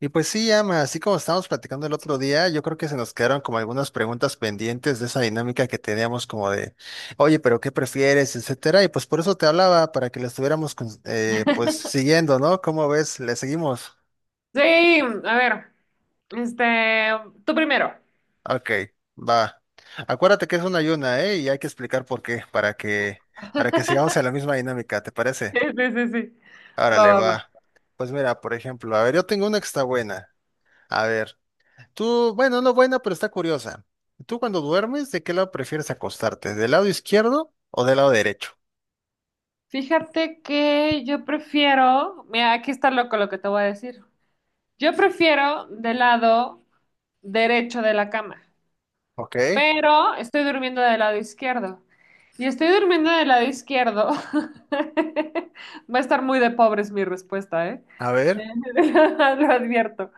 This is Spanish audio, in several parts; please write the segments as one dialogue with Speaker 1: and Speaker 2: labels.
Speaker 1: Y pues sí, Ama, así como estábamos platicando el otro día, yo creo que se nos quedaron como algunas preguntas pendientes de esa dinámica que teníamos como de, oye, pero ¿qué prefieres? Etcétera. Y pues por eso te hablaba, para que la estuviéramos pues siguiendo, ¿no? ¿Cómo ves? ¿Le seguimos?
Speaker 2: Sí, a ver, este, tú primero.
Speaker 1: Ok, va. Acuérdate que es una ayuna, ¿eh? Y hay que explicar por qué, para que sigamos en la misma dinámica, ¿te parece?
Speaker 2: Sí, sí, sí, sí. Va,
Speaker 1: Árale,
Speaker 2: va, va.
Speaker 1: va. Pues mira, por ejemplo, a ver, yo tengo una que está buena. A ver. Tú, bueno, no buena, pero está curiosa. ¿Tú cuando duermes, de qué lado prefieres acostarte? ¿Del lado izquierdo o del lado derecho?
Speaker 2: Fíjate que yo prefiero, mira, aquí está loco lo que te voy a decir. Yo prefiero del lado derecho de la cama,
Speaker 1: Ok,
Speaker 2: pero estoy durmiendo del lado izquierdo. Y estoy durmiendo del lado izquierdo. Va a estar muy de pobres mi respuesta, ¿eh?
Speaker 1: a ver,
Speaker 2: Lo advierto.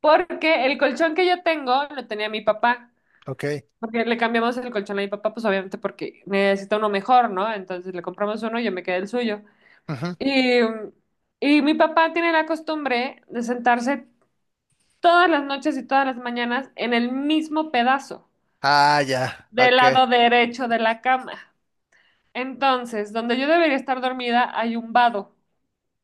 Speaker 2: Porque el colchón que yo tengo lo tenía mi papá.
Speaker 1: ok.
Speaker 2: Porque le cambiamos el colchón a mi papá, pues obviamente porque necesita uno mejor, ¿no? Entonces le compramos uno y yo me quedé el suyo.
Speaker 1: Ujú.
Speaker 2: Y, y mi papá tiene la costumbre de sentarse todas las noches y todas las mañanas en el mismo pedazo,
Speaker 1: Ah, ya,
Speaker 2: del
Speaker 1: ok.
Speaker 2: lado derecho de la cama. Entonces, donde yo debería estar dormida hay un vado,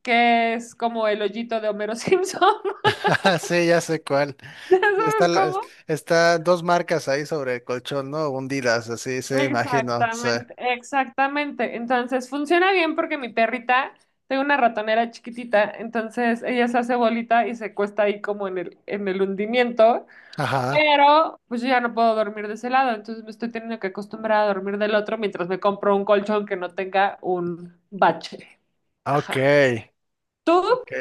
Speaker 2: que es como el hoyito de Homero Simpson.
Speaker 1: Ah, sí, ya sé cuál.
Speaker 2: ¿Ya
Speaker 1: Está,
Speaker 2: sabes
Speaker 1: la-
Speaker 2: cómo?
Speaker 1: Está dos marcas ahí sobre el colchón, ¿no? Hundidas, así, se imagino, sí.
Speaker 2: Exactamente, exactamente. Entonces funciona bien porque mi perrita, tengo una ratonera chiquitita, entonces ella se hace bolita y se cuesta ahí como en el hundimiento,
Speaker 1: Ajá,
Speaker 2: pero pues yo ya no puedo dormir de ese lado, entonces me estoy teniendo que acostumbrar a dormir del otro mientras me compro un colchón que no tenga un bache.
Speaker 1: ok,
Speaker 2: Ajá. ¿Tú?
Speaker 1: ok.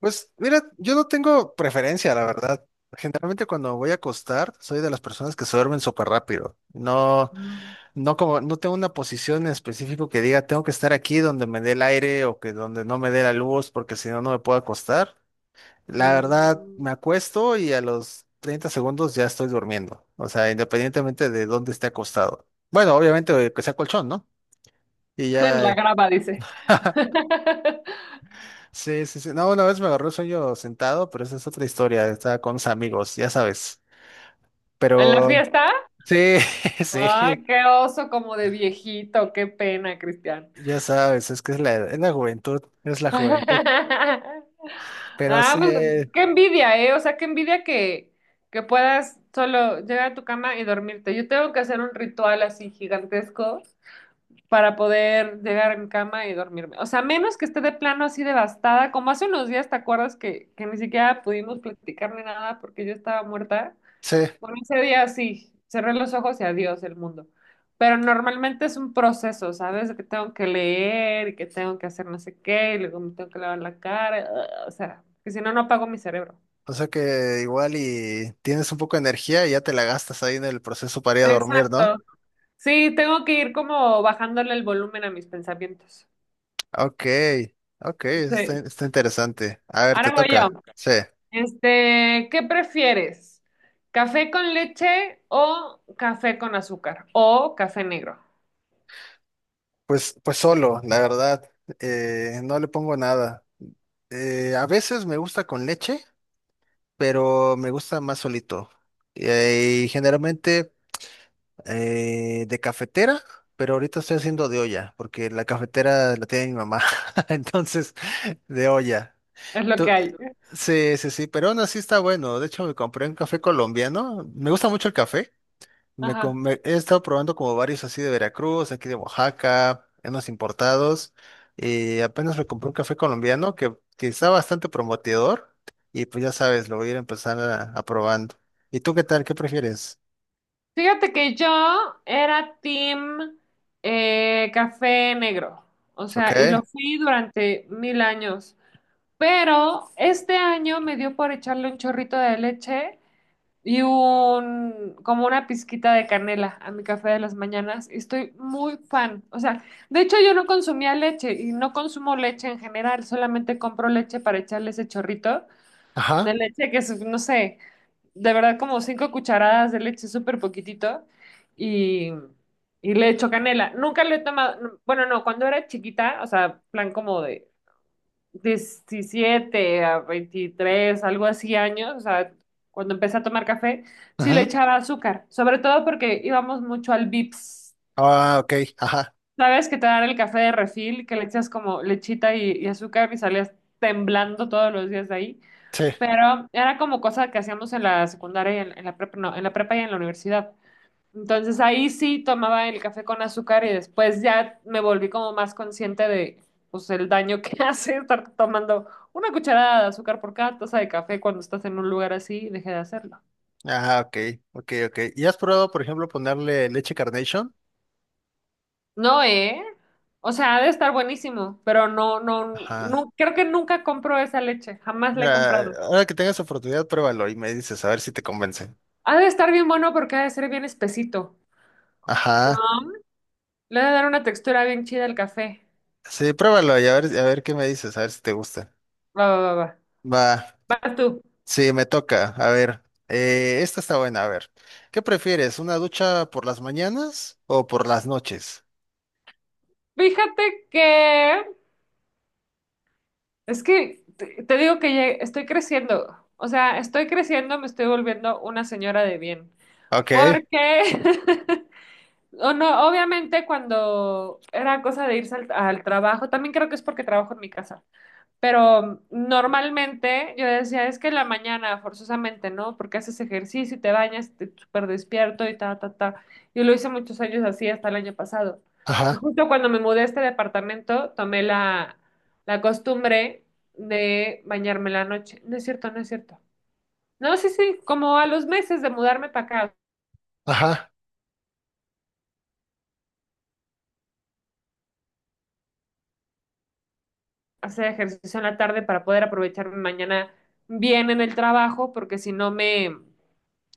Speaker 1: Pues mira, yo no tengo preferencia, la verdad. Generalmente cuando voy a acostar, soy de las personas que se duermen súper rápido. No.
Speaker 2: Mm,
Speaker 1: No tengo una posición en específico que diga tengo que estar aquí donde me dé el aire o que donde no me dé la luz porque si no no me puedo acostar. La verdad,
Speaker 2: mm.
Speaker 1: me acuesto y a los 30 segundos ya estoy durmiendo. O sea, independientemente de dónde esté acostado. Bueno, obviamente que sea colchón, ¿no? Y
Speaker 2: En
Speaker 1: ya.
Speaker 2: la grava, dice.
Speaker 1: Sí, sí, sí. No, una vez me agarró el sueño sentado, pero esa es otra historia. Estaba con unos amigos, ya sabes.
Speaker 2: ¿En la
Speaker 1: Pero
Speaker 2: fiesta?
Speaker 1: sí, sí,
Speaker 2: Ay, qué oso como de viejito, qué pena, Cristian.
Speaker 1: ya sabes, es que es la juventud, es la juventud. Pero
Speaker 2: Ah,
Speaker 1: sí.
Speaker 2: pues qué envidia, ¿eh? O sea, qué envidia que puedas solo llegar a tu cama y dormirte. Yo tengo que hacer un ritual así gigantesco para poder llegar a mi cama y dormirme. O sea, menos que esté de plano así devastada, como hace unos días, ¿te acuerdas que ni siquiera pudimos platicar ni nada porque yo estaba muerta?
Speaker 1: Sí,
Speaker 2: Bueno, ese día sí, cerré los ojos y adiós el mundo. Pero normalmente es un proceso, ¿sabes? De que tengo que leer y que tengo que hacer no sé qué, y luego me tengo que lavar la cara, o sea, que si no, no apago mi cerebro.
Speaker 1: o sea que igual y tienes un poco de energía y ya te la gastas ahí en el proceso para ir a dormir, ¿no?
Speaker 2: Exacto. Sí, tengo que ir como bajándole el volumen a mis pensamientos.
Speaker 1: Ok, ok, está,
Speaker 2: Sí.
Speaker 1: está interesante. A ver, te
Speaker 2: Ahora voy yo.
Speaker 1: toca. Sí,
Speaker 2: ¿Qué prefieres? ¿Café con leche o café con azúcar? O café negro.
Speaker 1: pues solo, la verdad, no le pongo nada. A veces me gusta con leche, pero me gusta más solito. Y generalmente de cafetera, pero ahorita estoy haciendo de olla, porque la cafetera la tiene mi mamá, entonces de olla.
Speaker 2: Es lo que
Speaker 1: Tú-
Speaker 2: hay.
Speaker 1: Sí, sí, sí, pero aún así está bueno. De hecho, me compré un café colombiano. Me gusta mucho el café.
Speaker 2: Ajá.
Speaker 1: He estado probando como varios así de Veracruz, aquí de Oaxaca, unos importados. Y apenas me compré un café colombiano que está bastante prometedor. Y pues ya sabes, lo voy a ir a empezar a probando. ¿Y tú qué tal? ¿Qué prefieres?
Speaker 2: Fíjate que yo era team café negro, o
Speaker 1: ¿Ok?
Speaker 2: sea, y lo fui durante mil años, pero este año me dio por echarle un chorrito de leche y como una pizquita de canela a mi café de las mañanas y estoy muy fan, o sea, de hecho yo no consumía leche y no consumo leche en general, solamente compro leche para echarle ese chorrito de
Speaker 1: Ajá.
Speaker 2: leche que es, no sé de verdad como 5 cucharadas de leche, súper poquitito, y, y le echo canela. Nunca le he tomado, no, bueno, no, cuando era chiquita, o sea, plan como de 17 a 23 algo así años, o sea, cuando empecé a tomar café, sí le
Speaker 1: Ajá.
Speaker 2: echaba azúcar, sobre todo porque íbamos mucho al Vips.
Speaker 1: Ah, ok. Ajá.
Speaker 2: ¿Sabes que te dan el café de refil, que le echas como lechita y azúcar y salías temblando todos los días de ahí?
Speaker 1: Sí.
Speaker 2: Pero era como cosa que hacíamos en la secundaria y en la prepa, no, en la prepa y en la universidad. Entonces ahí sí tomaba el café con azúcar y después ya me volví como más consciente de pues el daño que hace estar tomando una cucharada de azúcar por cada taza de café cuando estás en un lugar así y dejé de hacerlo.
Speaker 1: Ah, ok. Ok, ok. ¿Y has probado, por ejemplo, ponerle leche Carnation?
Speaker 2: No, ¿eh? O sea, ha de estar buenísimo, pero no, no,
Speaker 1: Ajá.
Speaker 2: no, creo que nunca compro esa leche, jamás la he
Speaker 1: Mira,
Speaker 2: comprado.
Speaker 1: ahora que tengas oportunidad, pruébalo y me dices, a ver si te convence.
Speaker 2: Ha de estar bien bueno porque ha de ser bien espesito.
Speaker 1: Ajá.
Speaker 2: Ah. Le ha de dar una textura bien chida al café.
Speaker 1: Sí, pruébalo y a ver qué me dices, a ver si te gusta.
Speaker 2: Va, va, va, va.
Speaker 1: Va.
Speaker 2: Vas tú.
Speaker 1: Sí, me toca. A ver. Esta está buena, a ver. ¿Qué prefieres? ¿Una ducha por las mañanas o por las noches?
Speaker 2: Fíjate que es que te digo que ya estoy creciendo. O sea, estoy creciendo, me estoy volviendo una señora de bien.
Speaker 1: Ok.
Speaker 2: Porque, o no, obviamente cuando era cosa de irse al trabajo, también creo que es porque trabajo en mi casa. Pero normalmente yo decía, es que en la mañana, forzosamente, ¿no? Porque haces ejercicio y te bañas, te súper despierto y ta, ta, ta. Yo lo hice muchos años así hasta el año pasado.
Speaker 1: Ajá.
Speaker 2: Justo cuando me mudé a este departamento, tomé la costumbre de bañarme en la noche. No es cierto, no es cierto. No, sí, sí, como a los meses de mudarme para acá,
Speaker 1: Ajá.
Speaker 2: hacer ejercicio en la tarde para poder aprovecharme mañana bien en el trabajo, porque si no me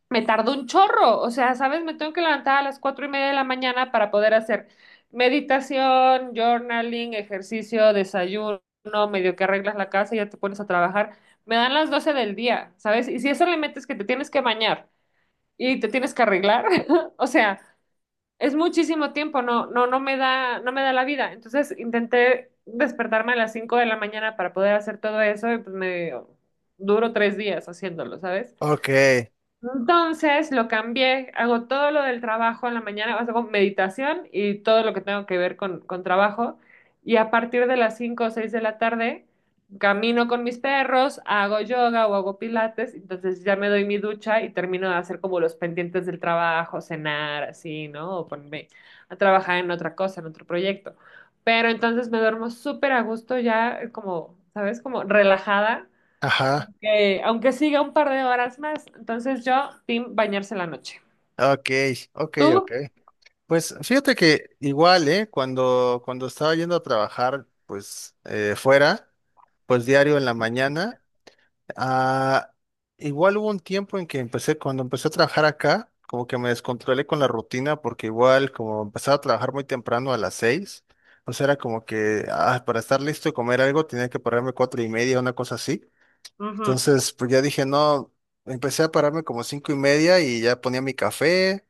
Speaker 2: Me tardó un chorro, o sea, ¿sabes? Me tengo que levantar a las 4:30 de la mañana para poder hacer meditación, journaling, ejercicio, desayuno, medio que arreglas la casa y ya te pones a trabajar. Me dan las 12 del día, ¿sabes? Y si eso le metes que te tienes que bañar y te tienes que arreglar, o sea, es muchísimo tiempo, no, no, no me da, no me da la vida. Entonces intenté despertarme a las 5 de la mañana para poder hacer todo eso y pues me duro 3 días haciéndolo,
Speaker 1: Ok.
Speaker 2: entonces lo cambié, hago todo lo del trabajo en la mañana, o sea, hago meditación y todo lo que tengo que ver con trabajo. Y a partir de las 5 o 6 de la tarde, camino con mis perros, hago yoga o hago pilates, entonces ya me doy mi ducha y termino de hacer como los pendientes del trabajo, cenar, así, ¿no? O ponerme a trabajar en otra cosa, en otro proyecto. Pero entonces me duermo súper a gusto ya, como, ¿sabes? Como relajada,
Speaker 1: Ajá.
Speaker 2: aunque siga un par de horas más, entonces yo, team, bañarse en la noche.
Speaker 1: Ok. Ok, ok.
Speaker 2: ¿Tú?
Speaker 1: Pues fíjate que igual, ¿eh? Cuando estaba yendo a trabajar, pues fuera, pues diario en la mañana. Ah, igual hubo un tiempo en que empecé, cuando empecé a trabajar acá, como que me descontrolé con la rutina, porque igual como empezaba a trabajar muy temprano a las 6, o sea, era como que para estar listo y comer algo tenía que pararme 4:30, una cosa así.
Speaker 2: Ujú,
Speaker 1: Entonces, pues ya dije, no, empecé a pararme como 5:30 y ya ponía mi café,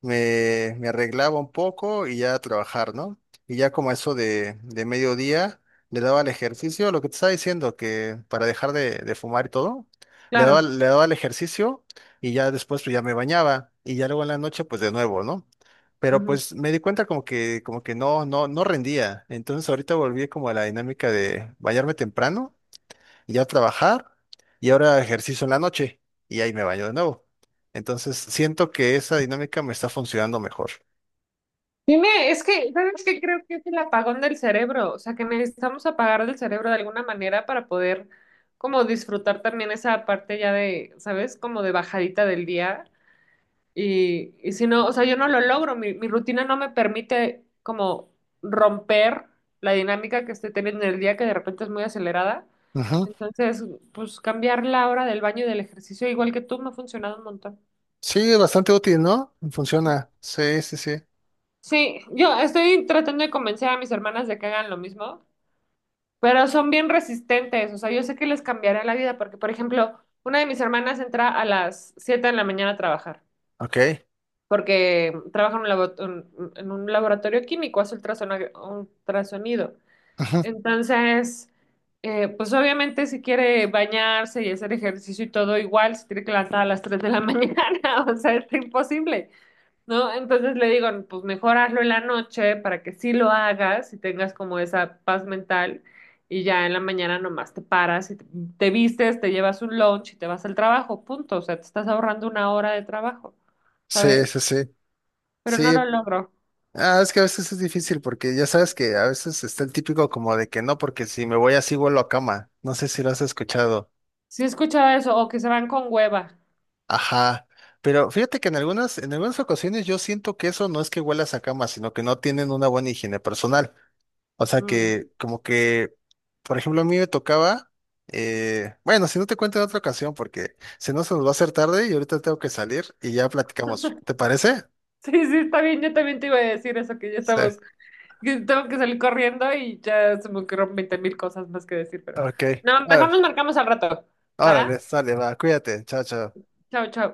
Speaker 1: me arreglaba un poco y ya a trabajar, ¿no? Y ya como eso de mediodía, le daba al ejercicio, lo que te estaba diciendo, que para dejar de fumar y todo,
Speaker 2: claro.
Speaker 1: le daba al ejercicio y ya después pues ya me bañaba y ya luego en la noche pues de nuevo, ¿no? Pero
Speaker 2: Ujú.
Speaker 1: pues me di cuenta como que no, no, no rendía. Entonces ahorita volví como a la dinámica de bañarme temprano y ya trabajar y ahora ejercicio en la noche y ahí me baño de nuevo. Entonces siento que esa dinámica me está funcionando mejor.
Speaker 2: Dime, es que, ¿sabes qué? Creo que es el apagón del cerebro, o sea, que necesitamos apagar del cerebro de alguna manera para poder como disfrutar también esa parte ya de, ¿sabes? Como de bajadita del día. Y si no, o sea, yo no lo logro, mi rutina no me permite como romper la dinámica que estoy teniendo en el día, que de repente es muy acelerada.
Speaker 1: Ujú.
Speaker 2: Entonces, pues cambiar la hora del baño y del ejercicio, igual que tú, me ha funcionado un montón.
Speaker 1: Sí, es bastante útil, ¿no? Funciona. Sí, sí, sí.
Speaker 2: Sí, yo estoy tratando de convencer a mis hermanas de que hagan lo mismo, pero son bien resistentes, o sea, yo sé que les cambiará la vida, porque, por ejemplo, una de mis hermanas entra a las 7 de la mañana a trabajar.
Speaker 1: Ok.
Speaker 2: Porque trabaja en en un laboratorio químico, hace ultrasonido.
Speaker 1: Ujú.
Speaker 2: Entonces, pues obviamente si quiere bañarse y hacer ejercicio y todo igual, se tiene que levantar a las 3 de la mañana, o sea, es imposible, ¿no? Entonces le digo, pues mejor hazlo en la noche para que sí lo hagas y tengas como esa paz mental. Y ya en la mañana nomás te paras y te vistes, te llevas un lunch y te vas al trabajo, punto. O sea, te estás ahorrando una hora de trabajo,
Speaker 1: Sí,
Speaker 2: ¿sabes?
Speaker 1: sí, sí.
Speaker 2: Pero no
Speaker 1: Sí,
Speaker 2: lo logro.
Speaker 1: es que a veces es difícil porque ya sabes que a veces está el típico como de que no, porque si me voy así vuelo a cama. No sé si lo has escuchado.
Speaker 2: Sí he escuchado eso, o que se van con hueva.
Speaker 1: Ajá. Pero fíjate que en algunas ocasiones yo siento que eso no es que huelas a cama, sino que no tienen una buena higiene personal. O sea
Speaker 2: Mm.
Speaker 1: que, como que, por ejemplo, a mí me tocaba, bueno, si no te cuento en otra ocasión, porque si no se nos va a hacer tarde y ahorita tengo que salir y ya platicamos. ¿Te parece?
Speaker 2: Sí, sí, está bien, yo también te iba a decir eso, que ya
Speaker 1: Sí.
Speaker 2: estamos, que tengo que salir corriendo y ya se me ocurrieron 20,000 cosas más que decir, pero
Speaker 1: Ok.
Speaker 2: no, mejor
Speaker 1: Ah,
Speaker 2: nos marcamos al rato,
Speaker 1: Órale,
Speaker 2: ¿va?
Speaker 1: sale, va, cuídate, chao, chao.
Speaker 2: Chao, chao.